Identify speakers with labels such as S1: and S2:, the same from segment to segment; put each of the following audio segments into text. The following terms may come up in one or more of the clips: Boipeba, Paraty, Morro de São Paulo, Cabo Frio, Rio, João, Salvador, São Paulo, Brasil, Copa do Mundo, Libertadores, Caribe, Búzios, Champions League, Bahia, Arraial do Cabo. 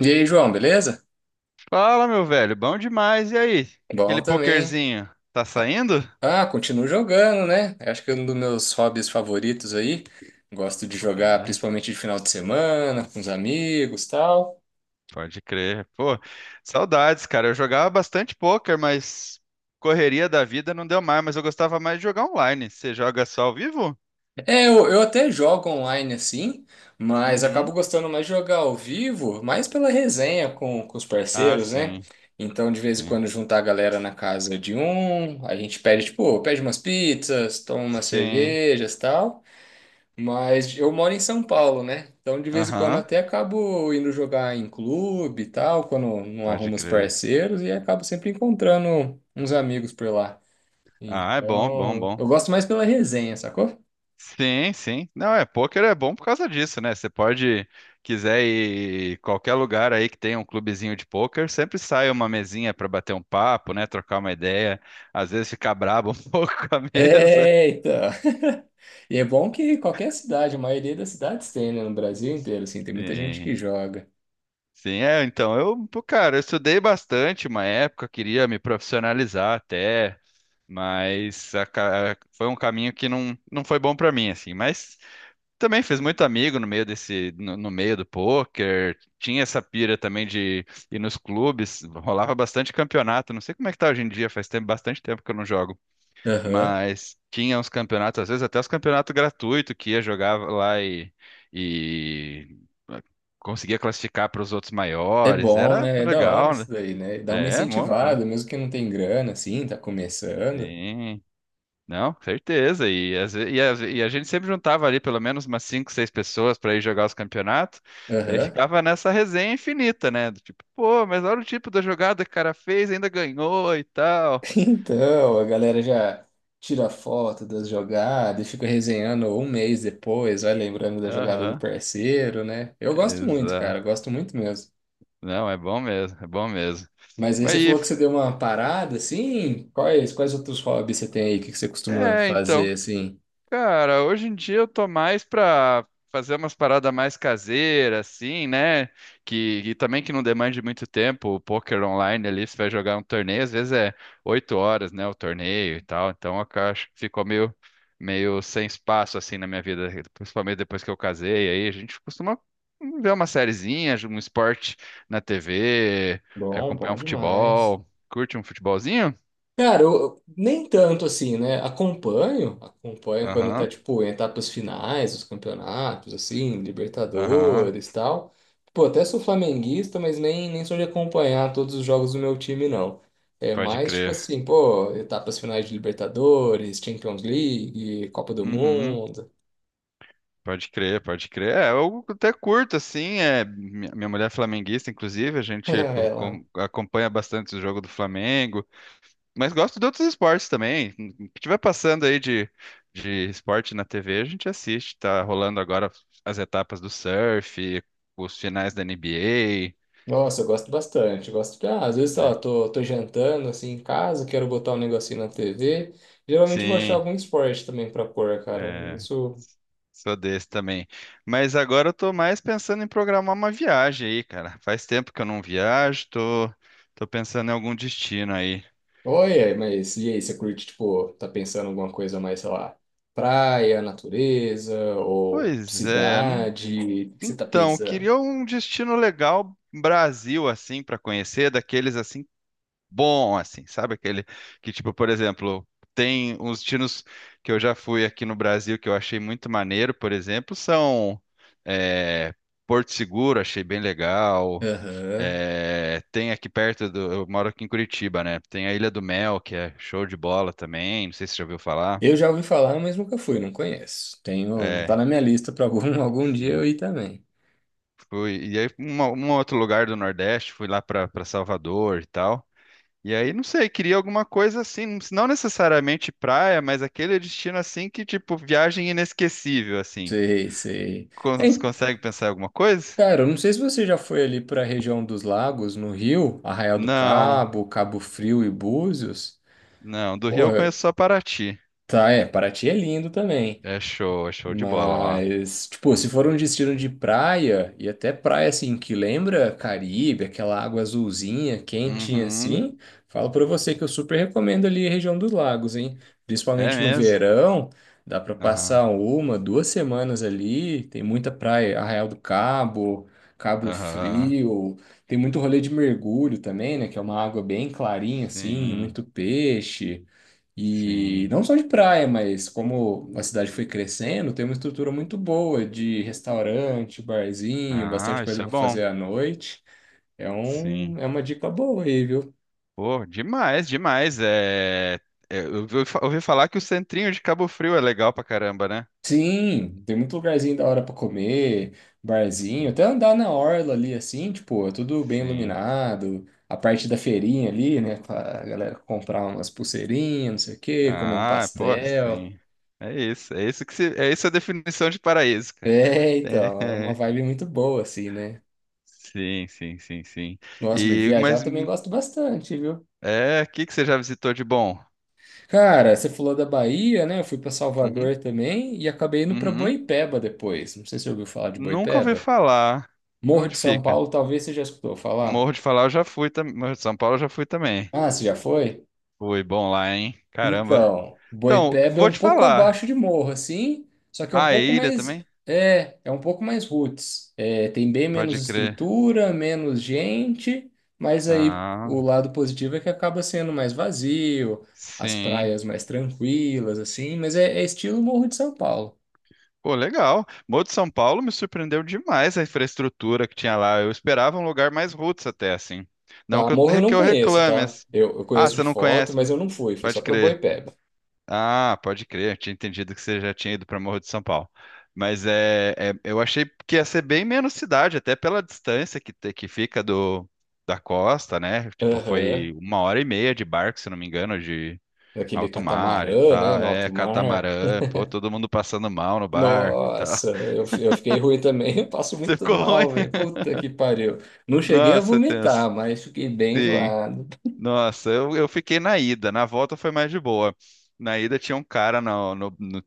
S1: E aí, João, beleza?
S2: Fala, meu velho, bom demais. E aí?
S1: Bom
S2: Aquele
S1: também.
S2: pokerzinho, tá
S1: Ah,
S2: saindo?
S1: Continuo jogando, né? Acho que é um dos meus hobbies favoritos aí. Gosto de jogar
S2: É,
S1: principalmente de final de semana, com os amigos, tal.
S2: pode crer. Pô, saudades, cara. Eu jogava bastante poker, mas correria da vida não deu mais, mas eu gostava mais de jogar online. Você joga só ao vivo?
S1: É, eu até jogo online assim, mas acabo
S2: Uhum.
S1: gostando mais de jogar ao vivo, mais pela resenha com os
S2: Ah,
S1: parceiros, né?
S2: sim,
S1: Então, de vez em
S2: sim.
S1: quando, juntar a galera na casa de um, a gente pede, tipo, pede umas pizzas, toma umas
S2: Sim.
S1: cervejas, tal. Mas eu moro em São Paulo, né? Então de vez em quando
S2: Aham,
S1: até acabo indo jogar em clube e tal, quando não
S2: pode
S1: arrumo os
S2: crer.
S1: parceiros e acabo sempre encontrando uns amigos por lá.
S2: Ah, é bom, bom,
S1: Então,
S2: bom.
S1: eu gosto mais pela resenha, sacou?
S2: Sim, sim. Não, é, pôquer é bom por causa disso, né? Você pode, quiser ir em qualquer lugar aí que tenha um clubezinho de pôquer, sempre sai uma mesinha para bater um papo, né? Trocar uma ideia, às vezes ficar brabo um pouco com a mesa.
S1: É, então. E é bom que qualquer cidade, a maioria das cidades tem, né? No Brasil inteiro, assim, tem muita gente
S2: Sim,
S1: que joga.
S2: sim, é, então, pô, cara, eu estudei bastante uma época, queria me profissionalizar até, mas foi um caminho que não foi bom para mim, assim, mas também fez muito amigo no meio desse, no meio do poker. Tinha essa pira também de ir nos clubes. Rolava bastante campeonato. Não sei como é que tá hoje em dia, faz tempo, bastante tempo que eu não jogo.
S1: Aham.
S2: Mas tinha uns campeonatos, às vezes até os campeonatos gratuitos que ia jogar lá e eh, conseguia classificar para os outros
S1: É
S2: maiores.
S1: bom,
S2: Era
S1: né? É da hora
S2: legal, né?
S1: isso daí, né? Dá uma
S2: É, mó, mó,
S1: incentivada, mesmo que não tem grana, assim, tá começando.
S2: sim. Não, certeza. E e a gente sempre juntava ali pelo menos umas cinco, seis pessoas para ir jogar os campeonatos. Daí
S1: Aham.
S2: ficava nessa resenha infinita, né? Do tipo, pô, mas olha o tipo da jogada que o cara fez, ainda ganhou e tal.
S1: Então, a galera já tira foto das jogadas e fica resenhando um mês depois, vai lembrando da jogada do
S2: Aham,
S1: parceiro, né? Eu gosto muito,
S2: exato.
S1: cara, gosto muito mesmo.
S2: Não, é bom mesmo, é bom mesmo.
S1: Mas aí
S2: Mas
S1: você
S2: e,
S1: falou que você deu uma parada, assim? Quais outros hobbies você tem aí? O que que você costuma
S2: é, então.
S1: fazer, assim?
S2: Cara, hoje em dia eu tô mais pra fazer umas paradas mais caseiras, assim, né? E também que não demande muito tempo. O poker online ali, você vai jogar um torneio, às vezes é oito horas, né? O torneio e tal. Então eu acho que ficou meio sem espaço, assim, na minha vida. Principalmente depois que eu casei, aí a gente costuma ver uma sériezinha, um esporte na TV,
S1: Bom,
S2: acompanhar um
S1: bom demais.
S2: futebol. Curte um futebolzinho?
S1: Cara, nem tanto assim, né? Acompanho, acompanho quando tá,
S2: Aham,
S1: tipo, em etapas finais dos campeonatos, assim,
S2: aham,
S1: Libertadores e tal. Pô, até sou flamenguista, mas nem sou de acompanhar todos os jogos do meu time, não. É
S2: pode
S1: mais, tipo
S2: crer.
S1: assim, pô, etapas finais de Libertadores, Champions League, Copa do
S2: Uhum.
S1: Mundo.
S2: Pode crer, pode crer. É, eu até curto, assim. É, minha mulher é flamenguista, inclusive, a gente
S1: É lá.
S2: acompanha bastante o jogo do Flamengo. Mas gosto de outros esportes também. O que tiver passando aí de esporte na TV, a gente assiste. Tá rolando agora as etapas do surf, os finais da NBA.
S1: Nossa, eu gosto bastante. Eu Gosto de... ah, às vezes, sei lá,
S2: É,
S1: tô jantando assim em casa, quero botar um negocinho na TV. Geralmente eu vou achar
S2: sim.
S1: algum esporte também pra pôr, cara.
S2: É,
S1: Isso.
S2: sou desse também. Mas agora eu tô mais pensando em programar uma viagem aí, cara. Faz tempo que eu não viajo, tô, tô pensando em algum destino aí.
S1: Olha, mas e aí, você curte, tipo, tá pensando em alguma coisa mais, sei lá, praia, natureza ou
S2: Pois é.
S1: cidade? O que você tá
S2: Então, eu
S1: pensando?
S2: queria um destino legal Brasil assim para conhecer, daqueles assim bom assim, sabe aquele que tipo, por exemplo, tem uns destinos que eu já fui aqui no Brasil que eu achei muito maneiro, por exemplo, são é, Porto Seguro, achei bem legal.
S1: Aham.
S2: É, tem aqui perto do. Eu moro aqui em Curitiba, né? Tem a Ilha do Mel, que é show de bola também. Não sei se você já ouviu falar.
S1: Eu já ouvi falar, mas nunca fui, não conheço. Tenho, tá
S2: É,
S1: na minha lista pra algum, algum dia eu
S2: sim.
S1: ir também.
S2: Fui, e aí, um outro lugar do Nordeste, fui lá pra Salvador e tal. E aí, não sei, queria alguma coisa assim, não necessariamente praia, mas aquele destino assim que, tipo, viagem inesquecível, assim.
S1: Sei, sei. É,
S2: Você consegue pensar em alguma coisa?
S1: cara, eu não sei se você já foi ali para a região dos lagos, no Rio, Arraial do
S2: Não,
S1: Cabo, Cabo Frio e Búzios.
S2: não. Do Rio eu
S1: Porra,
S2: conheço só Paraty.
S1: tá, é, Paraty é lindo também.
S2: É show de bola lá.
S1: Mas, tipo, se for um destino de praia, e até praia assim que lembra Caribe, aquela água azulzinha, quentinha
S2: Uhum,
S1: assim, falo pra você que eu super recomendo ali a região dos lagos, hein?
S2: é
S1: Principalmente no
S2: mesmo.
S1: verão, dá pra
S2: Aham.
S1: passar uma, duas semanas ali, tem muita praia, Arraial do Cabo, Cabo
S2: Aham.
S1: Frio, tem muito rolê de mergulho também, né? Que é uma água bem clarinha assim,
S2: Sim,
S1: muito peixe. E
S2: sim.
S1: não só de praia, mas como a cidade foi crescendo, tem uma estrutura muito boa de restaurante, barzinho, bastante
S2: Ah, isso
S1: coisa
S2: é
S1: para
S2: bom.
S1: fazer à noite. É
S2: Sim.
S1: um, é uma dica boa aí, viu?
S2: Pô, demais, demais. É... é, eu ouvi ouvi falar que o centrinho de Cabo Frio é legal pra caramba, né?
S1: Sim, tem muito lugarzinho da hora para comer, barzinho,
S2: Sim,
S1: até andar na orla ali assim, tipo, é tudo bem
S2: sim.
S1: iluminado. A parte da feirinha ali, né, pra galera comprar umas pulseirinhas, não sei o quê, comer um
S2: Ah, pô,
S1: pastel.
S2: sim. É isso que se... é isso a definição de paraíso, cara.
S1: É, então, é
S2: É,
S1: uma
S2: é.
S1: vibe muito boa assim, né?
S2: Sim, sim, sim, sim.
S1: Nossa, mas
S2: E
S1: viajar
S2: mas
S1: também
S2: hum,
S1: gosto bastante, viu?
S2: é, o que que você já visitou de bom?
S1: Cara, você falou da Bahia, né? Eu fui para
S2: Uhum,
S1: Salvador também e acabei indo para
S2: uhum.
S1: Boipeba depois. Não sei se você ouviu falar de
S2: Nunca ouvi
S1: Boipeba.
S2: falar.
S1: Morro
S2: Onde
S1: de São
S2: fica?
S1: Paulo, talvez você já escutou falar.
S2: Morro de falar, eu já fui também. Morro de São Paulo, eu já fui também.
S1: Ah, você já foi?
S2: Fui bom lá, hein? Caramba.
S1: Então,
S2: Então,
S1: Boipeba é
S2: vou
S1: um
S2: te
S1: pouco abaixo
S2: falar.
S1: de Morro, assim, só que
S2: A ilha também?
S1: é um pouco mais roots. É, tem bem
S2: Pode
S1: menos
S2: crer.
S1: estrutura, menos gente, mas aí o
S2: Ah,
S1: lado positivo é que acaba sendo mais vazio, as
S2: sim.
S1: praias mais tranquilas, assim, mas é estilo Morro de São Paulo.
S2: Pô, legal. Morro de São Paulo me surpreendeu demais a infraestrutura que tinha lá. Eu esperava um lugar mais roots até, assim. Não
S1: Tá,
S2: que eu,
S1: Morro eu
S2: que
S1: não
S2: eu
S1: conheço,
S2: reclame,
S1: tá?
S2: assim.
S1: Eu
S2: Ah,
S1: conheço de
S2: você não
S1: foto,
S2: conhece?
S1: mas eu não fui, fui só
S2: Pode
S1: pra
S2: crer.
S1: Boipeba.
S2: Ah, pode crer, eu tinha entendido que você já tinha ido para Morro de São Paulo. Mas eu achei que ia ser bem menos cidade, até pela distância que fica do, da costa, né? Tipo,
S1: Aham,
S2: foi uma hora e meia de barco, se não me engano, de
S1: naquele
S2: alto mar e
S1: catamarã, né,
S2: tal.
S1: no
S2: É,
S1: alto mar.
S2: catamarã, pô, todo mundo passando mal no barco e tal.
S1: Nossa, eu fiquei ruim também. Eu passo muito
S2: Ficou ruim.
S1: mal, velho. Puta que pariu. Não cheguei a
S2: Nossa, tenso.
S1: vomitar, mas fiquei bem
S2: Sim.
S1: enjoado.
S2: Nossa, eu fiquei na ida. Na volta foi mais de boa. Na ida tinha um cara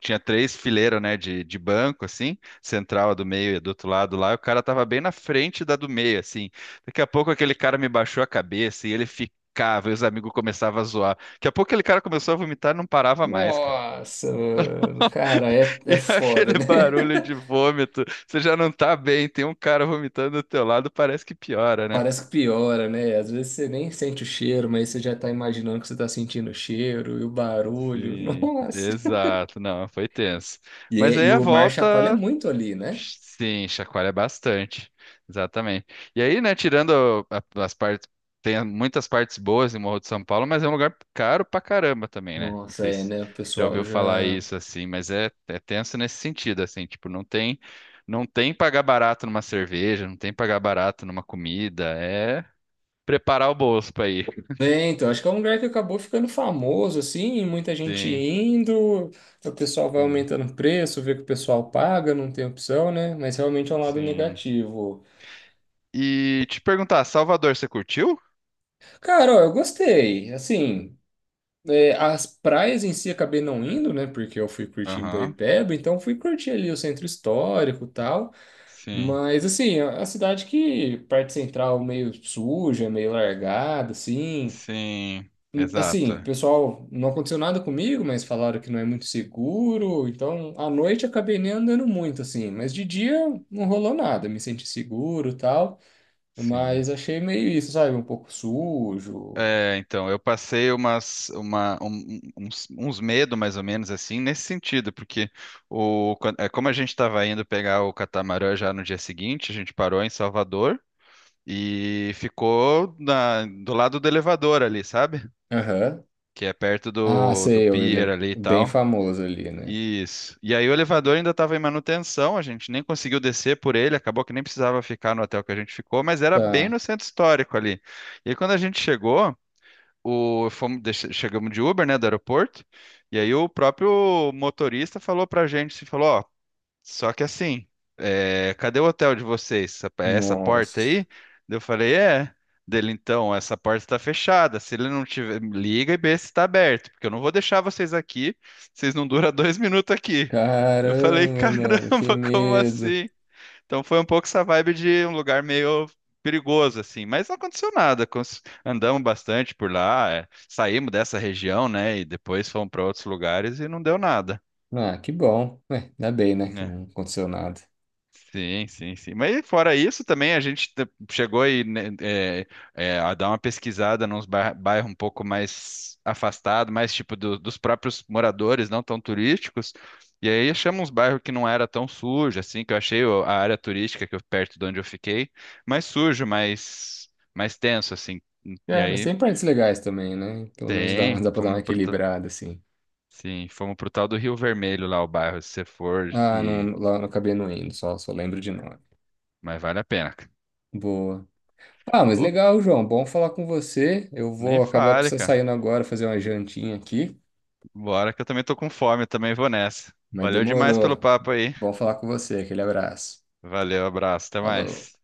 S2: tinha três fileiras, né, de banco, assim, central, a do meio e do outro lado lá. E o cara tava bem na frente da do meio, assim. Daqui a pouco aquele cara me baixou a cabeça e ele ficava, e os amigos começavam a zoar. Daqui a pouco aquele cara começou a vomitar e não parava mais, cara.
S1: Nossa, mano. Cara,
S2: E
S1: é foda,
S2: aquele
S1: né?
S2: barulho de vômito, você já não tá bem, tem um cara vomitando do teu lado, parece que piora, né?
S1: Parece que piora, né? Às vezes você nem sente o cheiro, mas você já tá imaginando que você tá sentindo o cheiro e o barulho.
S2: Sim,
S1: Nossa.
S2: exato. Não, foi tenso.
S1: E,
S2: Mas
S1: é- e
S2: aí a
S1: o mar chacoalha
S2: volta,
S1: muito ali, né?
S2: sim, chacoalha bastante. Exatamente. E aí, né, tirando as partes, tem muitas partes boas em Morro de São Paulo, mas é um lugar caro pra caramba também, né? Não
S1: Nossa,
S2: sei
S1: é,
S2: se
S1: né? O
S2: já
S1: pessoal
S2: ouviu falar
S1: já.
S2: isso assim, mas é, é tenso nesse sentido, assim, tipo, não tem pagar barato numa cerveja, não tem pagar barato numa comida, é preparar o bolso pra ir.
S1: É, então, acho que é um lugar que acabou ficando famoso, assim, muita gente
S2: Sim,
S1: indo, o pessoal vai
S2: sim,
S1: aumentando o preço, vê que o pessoal paga, não tem opção, né? Mas realmente é um lado
S2: sim.
S1: negativo.
S2: E te perguntar, Salvador, você curtiu?
S1: Cara, ó, eu gostei, assim, é, as praias em si acabei não indo, né? Porque eu fui curtir em
S2: Aham,
S1: Boipeba, então fui curtir ali o centro histórico e tal,
S2: sim,
S1: mas, assim, a cidade que parte central meio suja, meio largada, assim...
S2: sim,
S1: Assim,
S2: exato,
S1: pessoal, não aconteceu nada comigo, mas falaram que não é muito seguro. Então, à noite eu acabei nem andando muito, assim. Mas de dia não rolou nada, me senti seguro e tal.
S2: sim.
S1: Mas achei meio isso, sabe? Um pouco sujo.
S2: É, então, eu passei umas, uma, um- um- uns, uns medos, mais ou menos, assim, nesse sentido, porque é, como a gente estava indo pegar o catamarã já no dia seguinte, a gente parou em Salvador e ficou do lado do elevador ali, sabe?
S1: Aham.
S2: Que é perto
S1: Ah,
S2: do
S1: sei, ele é
S2: pier ali e
S1: bem
S2: tal.
S1: famoso ali, né?
S2: Isso. E aí o elevador ainda estava em manutenção, a gente nem conseguiu descer por ele, acabou que nem precisava ficar no hotel que a gente ficou, mas era bem
S1: Tá.
S2: no centro histórico ali. E aí, quando a gente chegou, fomos, chegamos de Uber, né, do aeroporto, e aí o próprio motorista falou pra gente, se falou, ó, só que assim, é, cadê o hotel de vocês? Essa é essa porta
S1: Nossa.
S2: aí? Daí eu falei, é. Dele, então, essa porta está fechada. Se ele não tiver, liga e vê se está aberto, porque eu não vou deixar vocês aqui. Vocês não duram dois minutos aqui. Eu falei,
S1: Caramba, mano, que
S2: caramba, como
S1: medo.
S2: assim? Então foi um pouco essa vibe de um lugar meio perigoso, assim, mas não aconteceu nada. Andamos bastante por lá, é, saímos dessa região, né? E depois fomos para outros lugares e não deu nada.
S1: Ah, que bom. Ué, ainda bem, né? Que não
S2: Né.
S1: aconteceu nada.
S2: Sim, sim, sim. Mas fora isso, também a gente chegou aí, né, é, a dar uma pesquisada nos bairros um pouco mais afastados, mais tipo dos próprios moradores, não tão turísticos. E aí achamos uns bairros que não era tão sujo, assim, que eu achei a área turística que eu, perto de onde eu fiquei, mais sujo, mais tenso, assim. E
S1: É, mas
S2: aí
S1: tem partes legais também, né? Pelo menos dá,
S2: tem,
S1: dá pra dar uma
S2: fomos pro, ta-
S1: equilibrada, assim.
S2: sim, fomos pro tal do Rio Vermelho lá, o bairro, se você for,
S1: Ah,
S2: e,
S1: não, lá eu acabei não indo, só, só lembro de nome.
S2: mas vale a pena.
S1: Boa. Ah, mas
S2: Pô,
S1: legal, João. Bom falar com você. Eu
S2: nem
S1: vou acabar
S2: fale,
S1: precisando
S2: cara.
S1: saindo agora, fazer uma jantinha aqui.
S2: Bora que eu também tô com fome, eu também vou nessa.
S1: Mas
S2: Valeu demais pelo
S1: demorou.
S2: papo aí.
S1: Bom falar com você. Aquele abraço.
S2: Valeu, abraço, até
S1: Falou.
S2: mais.